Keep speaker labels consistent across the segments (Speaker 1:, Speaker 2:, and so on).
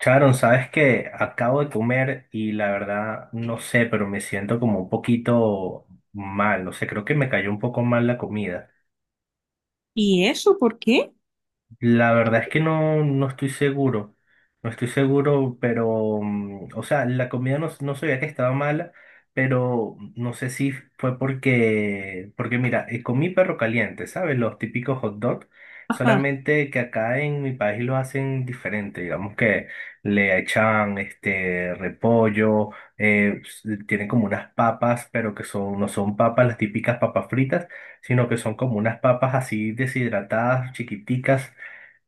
Speaker 1: Sharon, sabes que acabo de comer y la verdad no sé, pero me siento como un poquito mal, no sé, creo que me cayó un poco mal la comida.
Speaker 2: ¿Y eso por qué?
Speaker 1: La verdad es que no, no estoy seguro, no estoy seguro, pero, o sea, la comida no, no sabía que estaba mala, pero no sé si fue porque mira, comí perro caliente, ¿sabes? Los típicos hot dogs,
Speaker 2: Ajá.
Speaker 1: solamente que acá en mi país lo hacen diferente, digamos que le echan este repollo, tienen como unas papas, pero que son, no son papas, las típicas papas fritas, sino que son como unas papas así deshidratadas, chiquiticas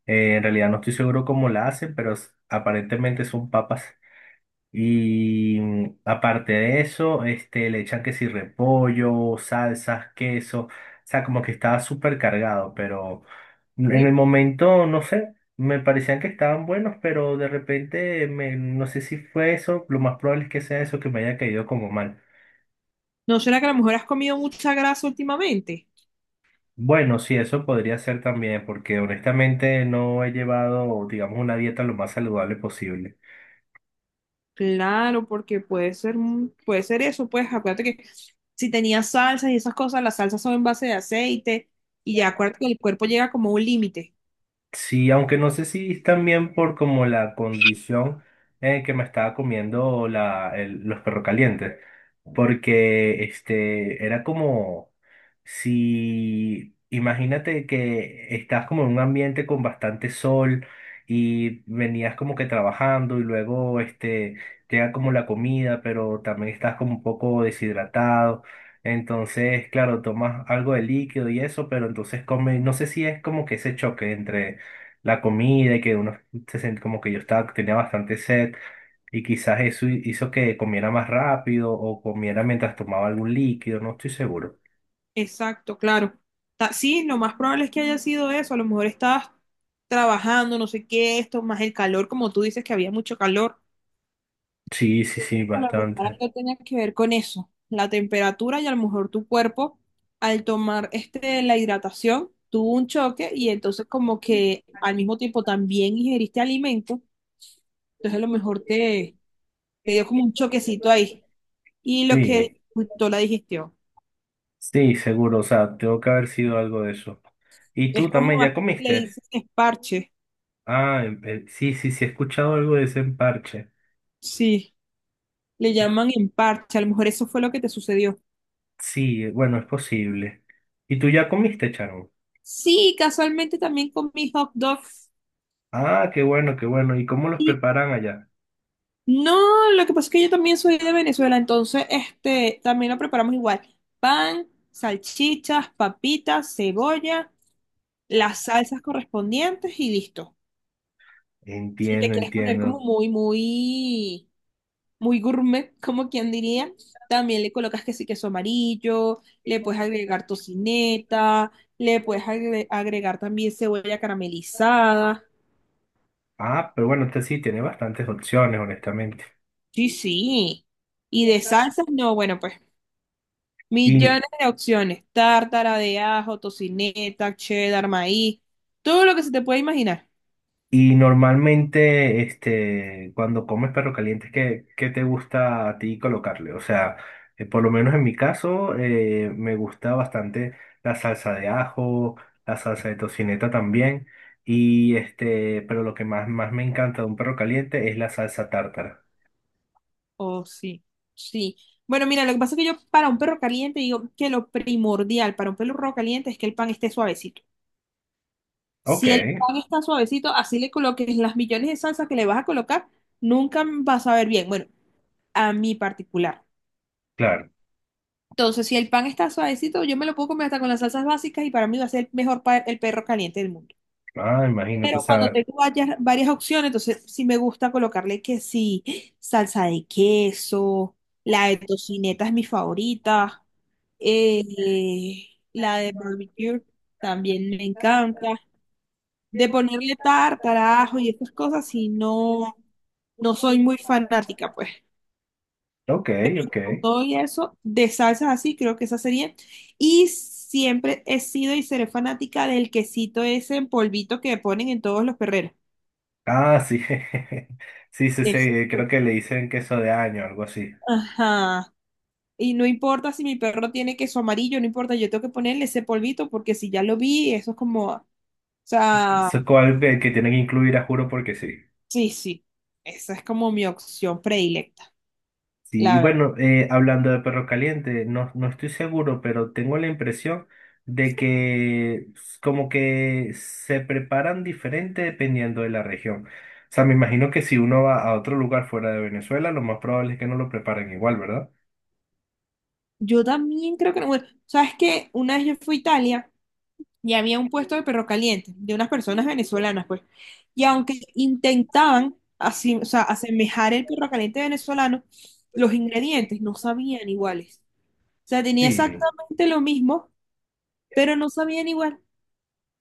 Speaker 1: en realidad no estoy seguro cómo la hace, pero aparentemente son papas. Y aparte de eso, este, le echan que si repollo, salsas, queso. O sea, como que estaba súper cargado, pero en
Speaker 2: ¿Eh?
Speaker 1: el momento, no sé, me parecían que estaban buenos, pero de repente, me, no sé si fue eso, lo más probable es que sea eso que me haya caído como mal.
Speaker 2: ¿No será que a lo mejor has comido mucha grasa últimamente?
Speaker 1: Bueno, sí, eso podría ser también, porque honestamente no he llevado, digamos, una dieta lo más saludable posible.
Speaker 2: Claro, porque puede ser, puede ser eso, pues acuérdate que si tenías salsas y esas cosas, las salsas son en base de aceite y ya acuérdate que el cuerpo llega como a un límite.
Speaker 1: Sí, aunque no sé si es también por como la condición en que me estaba comiendo la, los perros calientes, porque este era como si, imagínate que estás como en un ambiente con bastante sol y venías como que trabajando y luego este llega como la comida, pero también estás como un poco deshidratado. Entonces, claro, tomas algo de líquido y eso, pero entonces comes, no sé si es como que ese choque entre la comida y que uno como que yo estaba, tenía bastante sed y quizás eso hizo que comiera más rápido o comiera mientras tomaba algún líquido, no estoy seguro.
Speaker 2: Exacto, claro. Sí, lo más probable es que haya sido eso. A lo mejor estabas trabajando, no sé qué, esto, más el calor, como tú dices que había mucho calor.
Speaker 1: Sí, sí, sí,
Speaker 2: A lo mejor
Speaker 1: bastante.
Speaker 2: algo tenía que ver con eso, la temperatura y a lo mejor tu cuerpo, al tomar este, la hidratación, tuvo un choque y entonces como que al mismo tiempo también ingeriste alimento, entonces a lo mejor te, te dio como un choquecito ahí y lo que
Speaker 1: Sí,
Speaker 2: dificultó la digestión.
Speaker 1: sí, seguro, o sea, tengo que haber sido algo de eso. ¿Y
Speaker 2: Es
Speaker 1: tú también
Speaker 2: como
Speaker 1: ya
Speaker 2: aquí le
Speaker 1: comiste?
Speaker 2: dicen esparche.
Speaker 1: Ah, sí, sí, sí, he escuchado algo de ese emparche.
Speaker 2: Sí, le
Speaker 1: Eh,
Speaker 2: llaman en a lo mejor eso fue lo que te sucedió.
Speaker 1: Sí, bueno, es posible. ¿Y tú ya comiste, Charo?
Speaker 2: Sí, casualmente también comí hot dog.
Speaker 1: Ah, qué bueno, qué bueno. ¿Y cómo los
Speaker 2: Y
Speaker 1: preparan allá?
Speaker 2: no, lo que pasa es que yo también soy de Venezuela, entonces este también lo preparamos igual. Pan, salchichas, papitas, cebolla, las salsas correspondientes y listo. Si te
Speaker 1: Entiendo,
Speaker 2: quieres poner como
Speaker 1: entiendo.
Speaker 2: muy, muy muy gourmet, como quien diría. También le colocas que sí queso amarillo, le puedes agregar tocineta, le puedes agregar también cebolla caramelizada.
Speaker 1: Ah, pero bueno, este sí tiene bastantes opciones, honestamente.
Speaker 2: Sí, sí. Y de salsas, no, bueno, pues
Speaker 1: Y,
Speaker 2: millones de opciones. Tártara de ajo, tocineta, cheddar, maíz, todo lo que se te puede imaginar.
Speaker 1: y normalmente, este, cuando comes perro caliente, ¿qué, qué te gusta a ti colocarle? O sea, por lo menos en mi caso, me gusta bastante la salsa de ajo, la salsa de tocineta también. Y este, pero lo que más, más me encanta de un perro caliente es la salsa tártara.
Speaker 2: Oh, sí, sí. Bueno, mira, lo que pasa es que yo para un perro caliente digo que lo primordial para un perro caliente es que el pan esté suavecito.
Speaker 1: Ok,
Speaker 2: Si el pan está suavecito, así le coloques las millones de salsa que le vas a colocar, nunca vas a ver bien. Bueno, a mi particular.
Speaker 1: claro.
Speaker 2: Entonces, si el pan está suavecito, yo me lo puedo comer hasta con las salsas básicas y para mí va a ser el mejor el perro caliente del mundo.
Speaker 1: Ah, imagínate, o
Speaker 2: Pero cuando
Speaker 1: sea,
Speaker 2: tengo varias, varias opciones, entonces sí me gusta colocarle que sí, salsa de queso, la de tocineta es mi favorita, eh, la de barbecue también me encanta. De ponerle tartarajo y estas cosas, si no, no soy muy fanática, pues.
Speaker 1: ok, ok.
Speaker 2: Con todo y eso, de salsas así, creo que esa sería. Y siempre he sido y seré fanática del quesito ese en polvito que ponen en todos los perreros.
Speaker 1: Ah, sí. Sí, sí, sí.
Speaker 2: Ese.
Speaker 1: Creo que le dicen queso de año, algo así.
Speaker 2: Ajá. Y no importa si mi perro tiene queso amarillo, no importa, yo tengo que ponerle ese polvito porque si ya lo vi, eso es como, o sea,
Speaker 1: Eso es algo que tienen que incluir, a juro, porque sí.
Speaker 2: sí, sí, esa es como mi opción predilecta.
Speaker 1: Sí,
Speaker 2: La
Speaker 1: y
Speaker 2: verdad
Speaker 1: bueno, hablando de perro caliente, no, no estoy seguro, pero tengo la impresión de que como que se preparan diferente dependiendo de la región. O sea, me imagino que si uno va a otro lugar fuera de Venezuela, lo más probable es que no lo preparen igual, ¿verdad?
Speaker 2: yo también creo que no. Bueno, sabes que una vez yo fui a Italia y había un puesto de perro caliente de unas personas venezolanas, pues. Y aunque intentaban así, o sea, asemejar el perro caliente venezolano, los ingredientes no sabían iguales. O sea, tenía
Speaker 1: Sí.
Speaker 2: exactamente lo mismo, pero no sabían igual.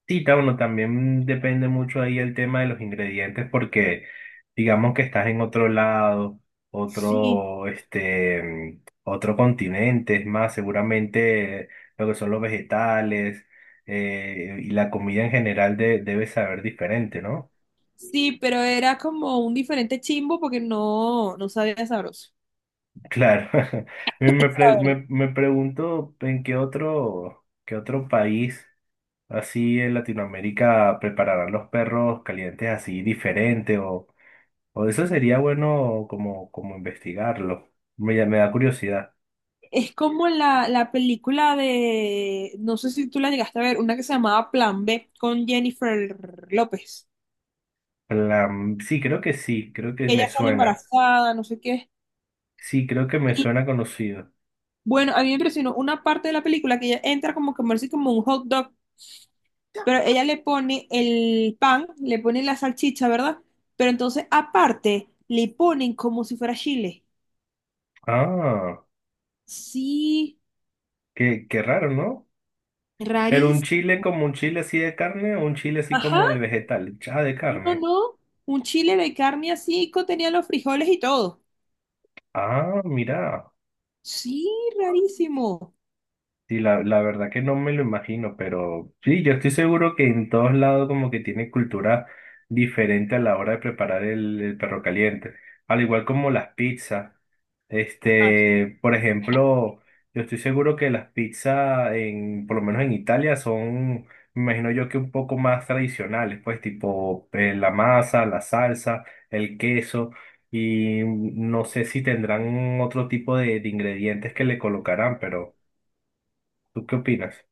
Speaker 1: Sí, claro, uno también depende mucho ahí el tema de los ingredientes porque digamos que estás en otro lado,
Speaker 2: Sí,
Speaker 1: otro, este, otro continente, es más, seguramente lo que son los vegetales y la comida en general debe saber diferente, ¿no?
Speaker 2: sí, pero era como un diferente chimbo porque no, no sabía sabroso.
Speaker 1: Claro, me pregunto en qué otro país así en Latinoamérica prepararán los perros calientes así diferente. O eso sería bueno como, como investigarlo. Me da curiosidad.
Speaker 2: Es como la película de, no sé si tú la llegaste a ver, una que se llamaba Plan B con Jennifer López.
Speaker 1: Plan- sí, creo que me
Speaker 2: Ella sale
Speaker 1: suena.
Speaker 2: embarazada, no sé qué.
Speaker 1: Sí, creo que me
Speaker 2: Y
Speaker 1: suena conocido.
Speaker 2: bueno, a mí me impresionó una parte de la película que ella entra como a comerse como un hot dog, pero ella le pone el pan, le pone la salchicha, ¿verdad? Pero entonces aparte le ponen como si fuera chile.
Speaker 1: Ah,
Speaker 2: Sí,
Speaker 1: qué, qué raro, ¿no? Pero un
Speaker 2: rarísimo.
Speaker 1: chile como un chile así de carne o un chile así como de
Speaker 2: Ajá,
Speaker 1: vegetal. Ah, de
Speaker 2: no, no,
Speaker 1: carne.
Speaker 2: no. Un chile de carne así, contenía los frijoles y todo.
Speaker 1: Ah, mira.
Speaker 2: Sí, rarísimo.
Speaker 1: Sí, la verdad que no me lo imagino, pero sí, yo estoy seguro que en todos lados como que tienen cultura diferente a la hora de preparar el perro caliente, al igual como las pizzas.
Speaker 2: Ah,
Speaker 1: Este, por ejemplo, yo estoy seguro que las pizzas en, por lo menos en Italia son, me imagino yo que un poco más tradicionales, pues tipo la masa, la salsa, el queso y no sé si tendrán otro tipo de ingredientes que le colocarán, pero... ¿Tú qué opinas?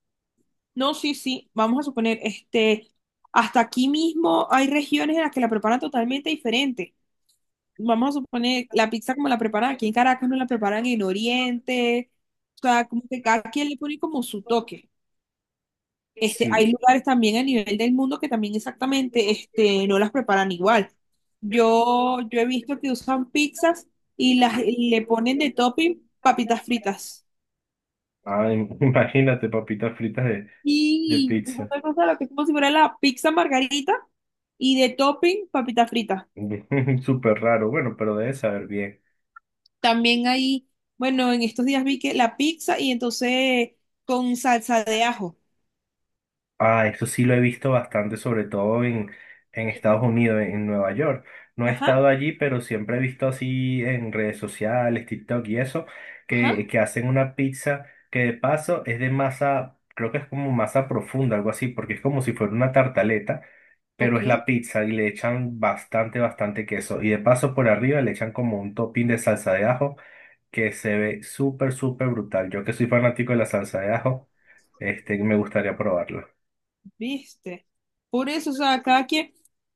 Speaker 2: no, sí, sí. Vamos a suponer, este, hasta aquí mismo hay regiones en las que la preparan totalmente diferente. Vamos a suponer, la pizza como la preparan aquí en Caracas, no la preparan en Oriente. O sea, como que cada quien le pone como su toque. Este, hay
Speaker 1: Sí.
Speaker 2: lugares también a nivel del mundo que también exactamente, este, no las preparan igual. Yo he visto que usan pizzas y las y le ponen de topping papitas fritas.
Speaker 1: Ay, imagínate papitas fritas de
Speaker 2: Sí, y
Speaker 1: pizza.
Speaker 2: una cosa lo que es como si fuera la pizza margarita y de topping papita frita.
Speaker 1: Súper raro. Bueno, pero debe saber bien.
Speaker 2: También hay, bueno, en estos días vi que la pizza y entonces con salsa de ajo.
Speaker 1: Ah, eso sí lo he visto bastante, sobre todo en
Speaker 2: Sí.
Speaker 1: Estados Unidos, en Nueva York. No he
Speaker 2: Ajá,
Speaker 1: estado allí, pero siempre he visto así en redes sociales, TikTok y eso,
Speaker 2: ajá,
Speaker 1: que hacen una pizza que de paso es de masa, creo que es como masa profunda, algo así, porque es como si fuera una tartaleta, pero
Speaker 2: ok,
Speaker 1: es la pizza y le echan bastante, bastante queso. Y de paso por arriba le echan como un topping de salsa de ajo que se ve súper, súper brutal. Yo que soy fanático de la salsa de ajo, este, me gustaría probarlo.
Speaker 2: viste. Por eso, o sea, cada quien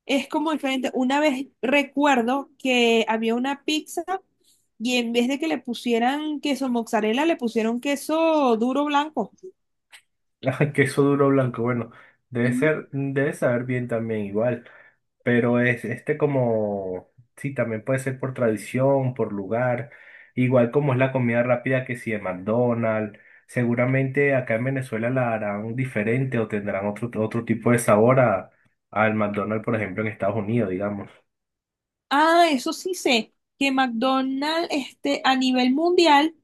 Speaker 2: es como diferente. Una vez recuerdo que había una pizza y en vez de que le pusieran queso mozzarella, le pusieron queso duro blanco.
Speaker 1: Ay, queso duro blanco, bueno, debe ser, debe saber bien también igual, pero es este como, sí, también puede ser por tradición, por lugar, igual como es la comida rápida que si de McDonald's, seguramente acá en Venezuela la harán diferente o tendrán otro, otro tipo de sabor a, al McDonald's, por ejemplo, en Estados Unidos, digamos.
Speaker 2: Ah, eso sí sé, que McDonald's este, a nivel mundial,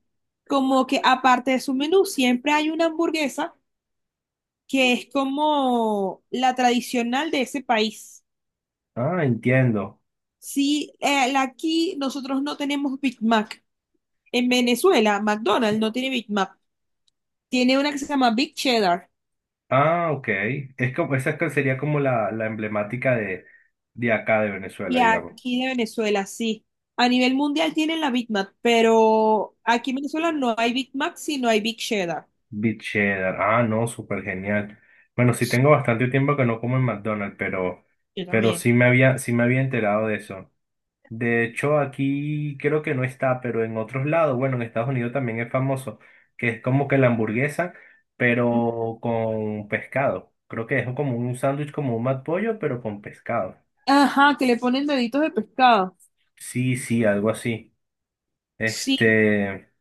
Speaker 2: como que aparte de su menú, siempre hay una hamburguesa que es como la tradicional de ese país.
Speaker 1: Ah, entiendo.
Speaker 2: Sí, aquí nosotros no tenemos Big Mac. En Venezuela, McDonald's no tiene Big Mac. Tiene una que se llama Big Cheddar.
Speaker 1: Ah, ok. Es como, esa es que sería como la emblemática de acá de Venezuela,
Speaker 2: Y
Speaker 1: digamos.
Speaker 2: aquí de Venezuela, sí. A nivel mundial tienen la Big Mac, pero aquí en Venezuela no hay Big Mac, sino hay Big Cheddar.
Speaker 1: Beef cheddar. Ah, no, súper genial. Bueno, sí tengo bastante tiempo que no como en McDonald's,
Speaker 2: Yo
Speaker 1: pero
Speaker 2: también.
Speaker 1: sí me había enterado de eso. De hecho, aquí creo que no está, pero en otros lados, bueno, en Estados Unidos también es famoso, que es como que la hamburguesa, pero con pescado. Creo que es como un sándwich, como un McPollo, pero con pescado.
Speaker 2: Ajá, que le ponen deditos de pescado.
Speaker 1: Sí, sí, algo así.
Speaker 2: Sí,
Speaker 1: Este,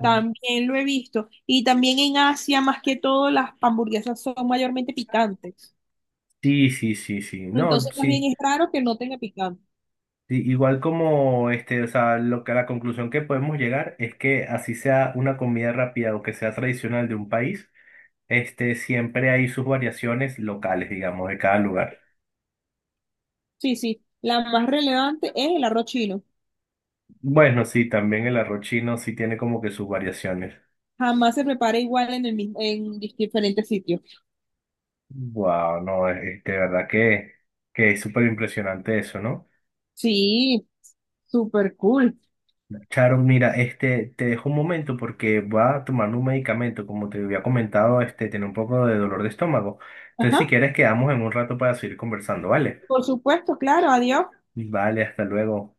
Speaker 2: también lo he visto. Y también en Asia, más que todo, las hamburguesas son mayormente picantes.
Speaker 1: sí, sí, sí, sí. No,
Speaker 2: Entonces también
Speaker 1: sí.
Speaker 2: es raro que no tenga picante.
Speaker 1: Sí, igual como este, o sea, lo que la conclusión que podemos llegar es que así sea una comida rápida o que sea tradicional de un país, este, siempre hay sus variaciones locales, digamos, de cada lugar.
Speaker 2: Sí, sí. La más relevante es el arroz chino.
Speaker 1: Bueno, sí, también el arroz chino sí tiene como que sus variaciones.
Speaker 2: Jamás se prepara igual en el mismo, en diferentes sitios.
Speaker 1: Wow, no, de verdad que es súper impresionante eso, ¿no?
Speaker 2: Sí, súper cool.
Speaker 1: Charo, mira, este, te dejo un momento porque voy a tomar un medicamento, como te había comentado, este, tiene un poco de dolor de estómago. Entonces,
Speaker 2: Ajá,
Speaker 1: si quieres, quedamos en un rato para seguir conversando, ¿vale?
Speaker 2: por supuesto, claro, adiós.
Speaker 1: Vale, hasta luego.